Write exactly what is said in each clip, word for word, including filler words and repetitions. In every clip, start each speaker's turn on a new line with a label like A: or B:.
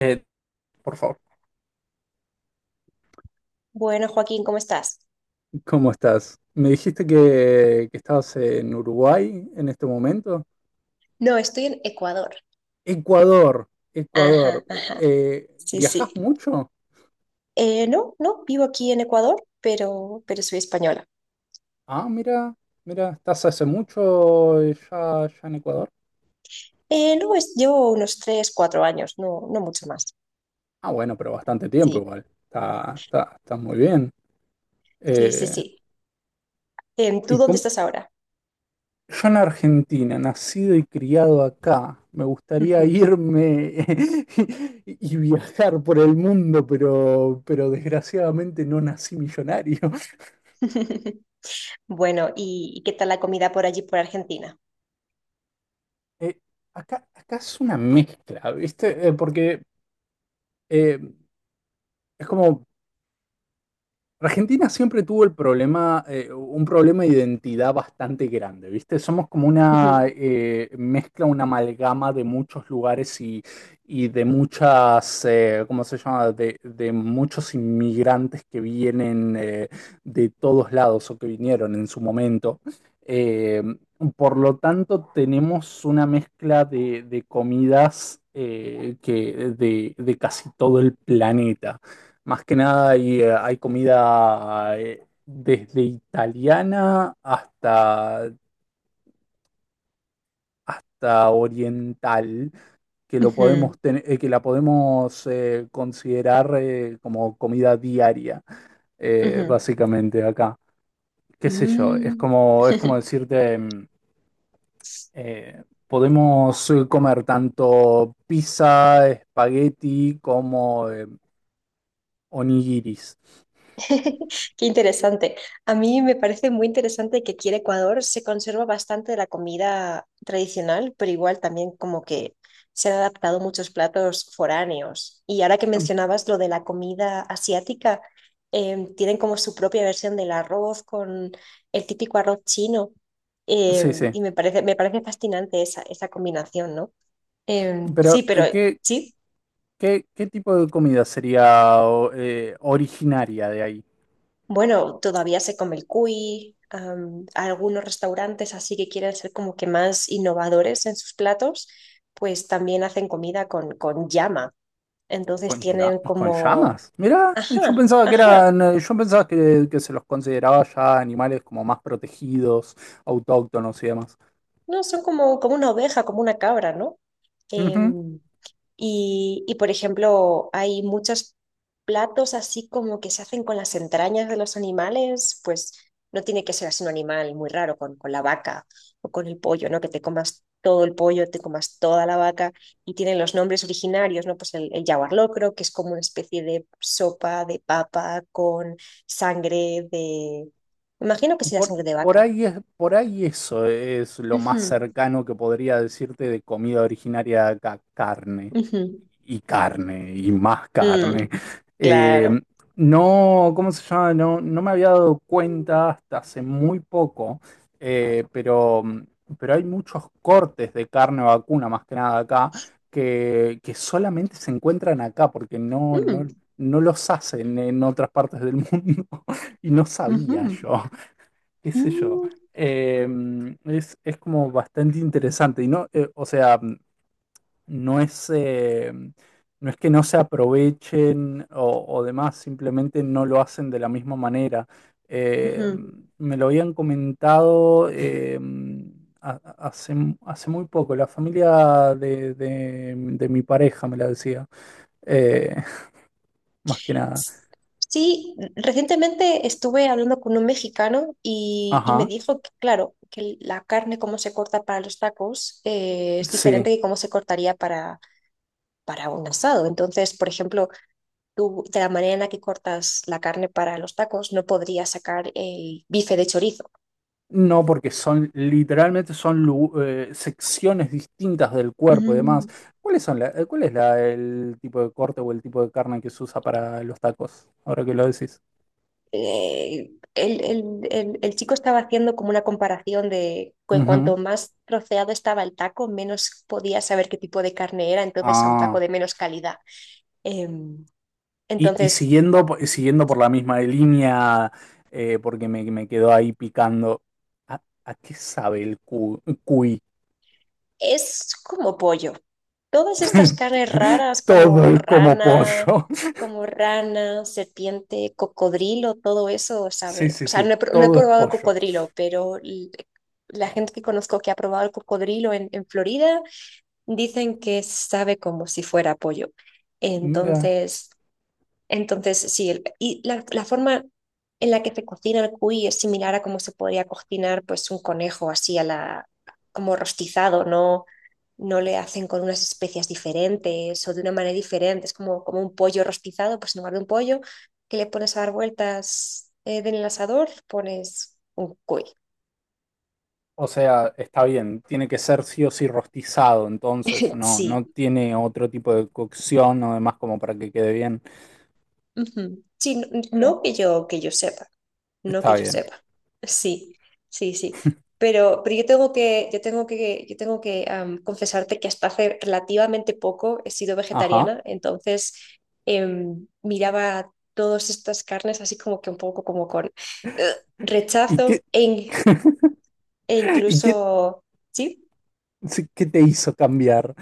A: Eh, por favor.
B: Bueno, Joaquín, ¿cómo estás?
A: ¿Cómo estás? Me dijiste que, que estabas en Uruguay en este momento.
B: No, estoy en Ecuador.
A: Ecuador,
B: Ajá,
A: Ecuador. Eh,
B: ajá.
A: eh,
B: Sí,
A: ¿viajás
B: sí.
A: mucho?
B: Eh, no, no, vivo aquí en Ecuador, pero, pero soy española.
A: Ah, mira, mira, ¿estás hace mucho eh, ya, ya en Ecuador?
B: Eh, no, es, llevo unos tres, cuatro años, no, no mucho más.
A: Ah, bueno, pero bastante tiempo
B: Sí,
A: igual. Está, está, está muy bien.
B: sí, sí,
A: Eh,
B: sí. Em, ¿tú
A: ¿y
B: dónde
A: cómo,
B: estás ahora?
A: Yo en Argentina, nacido y criado acá, me gustaría
B: Ujú.
A: irme y y viajar por el mundo, pero, pero desgraciadamente no nací millonario.
B: Bueno, ¿y, y qué tal la comida por allí, por Argentina?
A: Eh, acá, acá es una mezcla, ¿viste? Eh, porque eh, es como Argentina siempre tuvo el problema, eh, un problema de identidad bastante grande, ¿viste? Somos como
B: Ujú,
A: una eh, mezcla, una amalgama de muchos lugares y, y de muchas, eh, ¿cómo se llama? De, de muchos inmigrantes que vienen eh, de todos lados o que vinieron en su momento. Eh, por lo tanto, tenemos una mezcla de, de comidas eh, que de de casi todo el planeta. Más que nada hay, eh, hay comida eh, desde italiana hasta, hasta oriental que lo
B: ujú.
A: podemos ten- eh, que la podemos eh, considerar eh, como comida diaria, eh,
B: Ujú.
A: básicamente acá. ¿Qué sé yo? Es
B: Mm.
A: como, es como decirte, mm, eh, podemos eh, comer tanto pizza, espagueti como eh, onigiris.
B: Qué interesante. A mí me parece muy interesante que aquí en Ecuador se conserva bastante de la comida tradicional, pero igual también como que se han adaptado muchos platos foráneos. Y ahora que
A: Mm,
B: mencionabas lo de la comida asiática, eh, tienen como su propia versión del arroz con el típico arroz chino.
A: sí,
B: eh,
A: sí.
B: y me parece, me parece fascinante esa, esa combinación, ¿no? Eh, sí,
A: Pero,
B: pero
A: eh, ¿qué,
B: sí.
A: ¿Qué, qué tipo de comida sería o- eh, originaria de ahí?
B: Bueno, todavía se come el cuy, am, algunos restaurantes así que quieren ser como que más innovadores en sus platos, pues también hacen comida con, con llama. Entonces
A: ¿Con,
B: tienen
A: ya- con
B: como,
A: llamas? Mirá, yo
B: ajá,
A: pensaba que
B: ajá,
A: eran, eh, yo pensaba que, que se los consideraba ya animales como más protegidos, autóctonos y demás.
B: no, son como, como una oveja, como una cabra, ¿no? Em, y, y, por ejemplo, hay muchos platos así como que se hacen con las entrañas de los animales, pues no tiene que ser así un animal muy raro, con, con la vaca o con el pollo, ¿no? Que te comas todo el pollo, te comas toda la vaca y tienen los nombres originarios, ¿no? Pues el, el yaguar locro, que es como una especie de sopa de papa con sangre de... Imagino que será
A: Por,
B: sangre de
A: por
B: vaca.
A: ahí es, por ahí eso es lo más
B: Ujú,
A: cercano que podría decirte de comida originaria de acá, carne
B: ujú.
A: y carne y más
B: Mm,
A: carne. Eh,
B: claro.
A: no, ¿cómo se llama? No, no me había dado cuenta hasta hace muy poco, eh, pero, pero hay muchos cortes de carne vacuna, más que nada acá, que, que solamente se encuentran acá porque no,
B: Mm,
A: no, no los hacen en otras partes del mundo y no sabía
B: ujú,
A: yo qué sé yo,
B: mm,
A: eh, es, es como bastante interesante. Y no, eh, o sea, no es, eh, no es que no se aprovechen o, o demás, simplemente no lo hacen de la misma manera. Eh,
B: ujú.
A: me lo habían comentado eh, ha- ha- hace, hace muy poco, la familia de, de- de mi pareja me la decía, eh, más que nada.
B: Sí, recientemente estuve hablando con un mexicano y, y me
A: Ajá,
B: dijo que, claro, que la carne como se corta para los tacos eh, es
A: sí.
B: diferente que cómo se cortaría para, para un asado. Entonces, por ejemplo, tú de la manera en la que cortas la carne para los tacos no podrías sacar el bife de chorizo.
A: No, porque son literalmente son lu- eh, secciones distintas del cuerpo y demás.
B: Mm.
A: ¿Cuáles son la- eh, cuál es la- el tipo de corte o el tipo de carne que se usa para los tacos? Ahora que lo decís.
B: eh, el, el- el- el chico estaba haciendo como una comparación de que
A: Ujú.
B: cuanto más troceado estaba el taco, menos podía saber qué tipo de carne era, entonces era un taco
A: Ah,
B: de menos calidad. Em,
A: y, y
B: entonces,
A: siguiendo, po- y siguiendo por la misma línea, eh, porque me, me quedó ahí picando. ¿A, a qué sabe el cu- cuy?
B: es como pollo. Todas estas carnes raras
A: Todo
B: como
A: es como
B: rana,
A: pollo.
B: como rana, serpiente, cocodrilo, todo eso,
A: Sí,
B: ¿sabe? O
A: sí,
B: sea,
A: sí,
B: no he, pr- no he
A: todo es
B: probado el
A: pollo.
B: cocodrilo, pero l- la gente que conozco que ha probado el cocodrilo en en Florida. Dicen que sabe como si fuera pollo.
A: Mira.
B: Entonces, entonces sí, el- y la, la forma en la que se cocina el cuy es similar a cómo se podría cocinar pues un conejo así a la, como rostizado, ¿no? No le hacen con unas especias diferentes o de una manera diferente. Es como, como un pollo rostizado, pues en lugar de un pollo que le pones a dar vueltas eh, en el asador, pones un cuy.
A: O sea, está bien, tiene que ser sí o sí rostizado, entonces no, no
B: Sí.
A: tiene otro tipo de cocción o demás como para que quede bien.
B: Ujú. Sí, no,
A: Mira,
B: no que yo, que yo sepa. No que
A: está
B: yo
A: bien.
B: sepa. Sí, sí, sí. Pero, pero yo tengo que, yo tengo que, yo tengo que am, confesarte que hasta hace relativamente poco he sido
A: Ajá.
B: vegetariana, entonces em, miraba todas estas carnes así como que un poco como con eh,
A: ¿Y
B: rechazo
A: qué?
B: e, in- e
A: ¿Y qué,
B: incluso, sí,
A: sí, qué te hizo cambiar?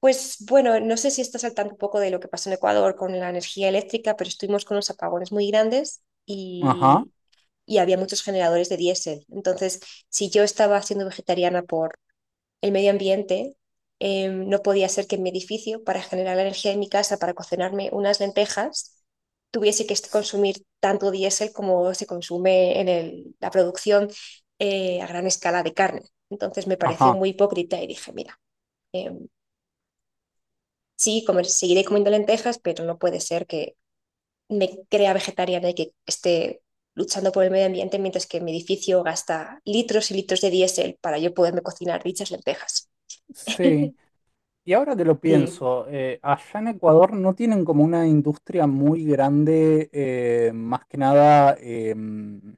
B: pues bueno, no sé si estás al tanto un poco de lo que pasó en Ecuador con la energía eléctrica, pero estuvimos con unos apagones muy grandes
A: Ajá.
B: y y había muchos generadores de diésel. Entonces, si yo estaba siendo vegetariana por el medio ambiente, eh, no podía ser que en mi edificio, para generar la energía en mi casa, para cocinarme unas lentejas, tuviese que
A: s-
B: consumir tanto diésel como se consume en el, la producción eh, a gran escala de carne. Entonces me pareció
A: Ajá.
B: muy hipócrita y dije, mira, sí, comer, seguiré comiendo lentejas, pero no puede ser que me crea vegetariana y que esté luchando por el medio ambiente mientras que mi edificio gasta litros y litros de diésel para yo poderme cocinar dichas lentejas.
A: Sí. Y ahora que lo
B: Sí.
A: pienso, eh, allá en Ecuador no tienen como una industria muy grande, eh, más que nada em,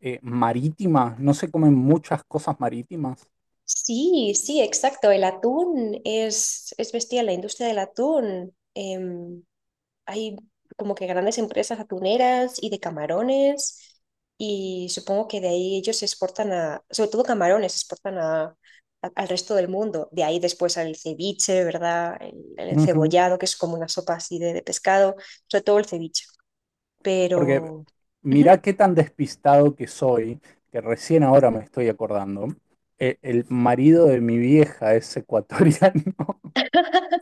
A: eh, marítima. No se comen muchas cosas marítimas.
B: Sí, sí, exacto. El atún es, es bestial, la industria del atún. em, hay como que grandes empresas atuneras y de camarones y supongo que de ahí ellos se exportan a, sobre todo camarones, se exportan a, a- al resto del mundo. De ahí después al ceviche, ¿verdad? El, el encebollado, que es como una sopa así de, de pescado, sobre todo el ceviche.
A: Porque
B: Pero, ujú,
A: mirá qué tan despistado que soy, que recién ahora me estoy acordando. E- El marido de mi vieja es ecuatoriano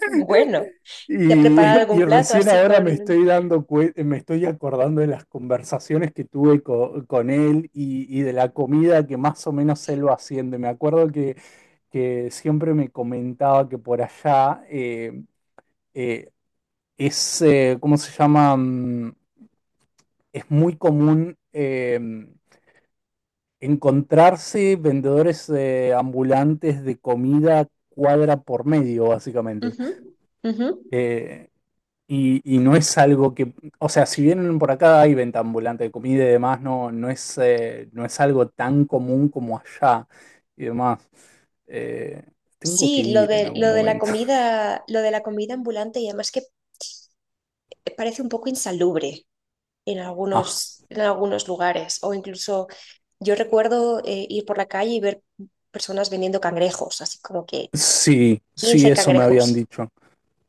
B: bueno, ¿te ha
A: y,
B: preparado algún
A: y
B: plato
A: recién
B: así
A: ahora me
B: con...
A: estoy dando cue- me estoy acordando de las conversaciones que tuve co- con él y, y de la comida que más o menos él va haciendo. Y me acuerdo que, que siempre me comentaba que por allá eh, eh, es, eh, ¿cómo se llama? Mm, es muy común. eh, encontrarse vendedores eh, ambulantes de comida cuadra por medio, básicamente.
B: Ujú, ujú.
A: Eh, y, y no es algo que, o sea, si vienen por acá hay venta ambulante de comida y demás, no, no es, eh, no es algo tan común como allá y demás. Eh, tengo que
B: Sí, lo
A: ir en
B: de,
A: algún
B: lo de la
A: momento.
B: comida, lo de la comida ambulante y además que parece un poco insalubre. En
A: Ah,
B: algunos, en algunos lugares. O incluso yo recuerdo eh, ir por la calle y ver personas vendiendo cangrejos, así como que
A: sí, sí,
B: quince
A: eso me habían
B: cangrejos,
A: dicho.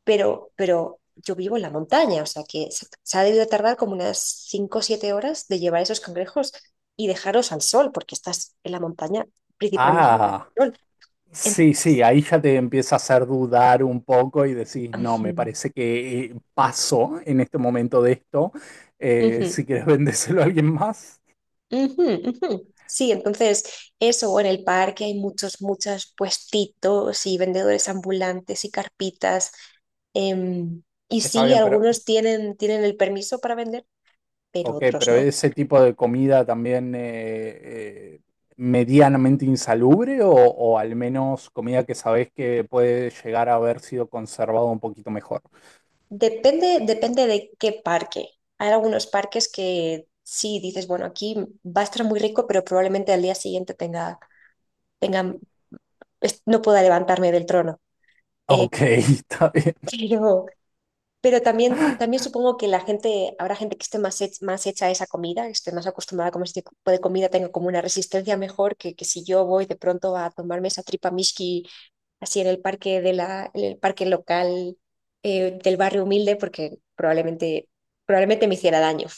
B: pero, pero yo vivo en la montaña, o sea que se, se ha debido tardar como unas cinco o siete horas de llevar esos cangrejos y dejarlos al sol, porque estás en la montaña principalmente en el
A: Ah.
B: sol.
A: Sí, sí,
B: Entonces,
A: ahí ya te empieza a hacer dudar un poco y decís, no, me
B: ujú,
A: parece que eh, paso en este momento de esto. Eh, si
B: ujú.
A: quieres vendérselo a alguien más,
B: Ujú, ujú. Sí, entonces eso, o en el parque hay muchos, muchos puestitos y vendedores ambulantes y carpitas. em, y
A: está
B: sí,
A: bien, pero
B: algunos tienen, tienen el permiso para vender, pero
A: ok,
B: otros
A: pero
B: no.
A: ese tipo de comida también eh, eh, medianamente insalubre o, o al menos comida que sabés que puede llegar a haber sido conservado un poquito mejor.
B: Depende, depende de qué parque. Hay algunos parques que sí dices, bueno, aquí va a estar muy rico, pero probablemente al día siguiente tenga, tenga, es- no pueda levantarme del trono. Eh,
A: Ok, está bien.
B: pero, Pero también, también supongo que la gente, habrá gente que esté más, hech- más hecha a esa comida, que esté más acostumbrada a comer este tipo de comida, tenga como una resistencia mejor que, que si yo voy de pronto a tomarme esa tripa mishki así en el parque de la, en el parque local eh, del barrio humilde, porque probablemente, probablemente me hiciera daño.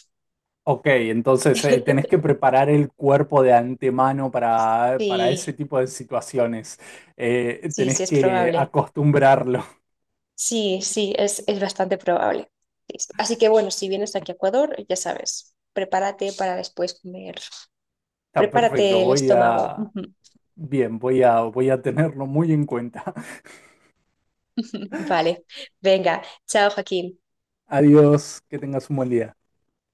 A: Ok, entonces eh, tenés que preparar el cuerpo de antemano para, para ese
B: Sí,
A: tipo de situaciones. Eh,
B: sí, sí,
A: tenés
B: es
A: que
B: probable.
A: acostumbrarlo.
B: Sí, sí, es, es bastante probable. Sí, sí. Así que bueno, si vienes aquí a Ecuador, ya sabes, prepárate para después comer.
A: Está perfecto,
B: Prepárate el
A: voy
B: estómago.
A: a... Bien, voy a, voy a tenerlo muy en cuenta.
B: Vale, venga, chao Joaquín.
A: Adiós, que tengas un buen día.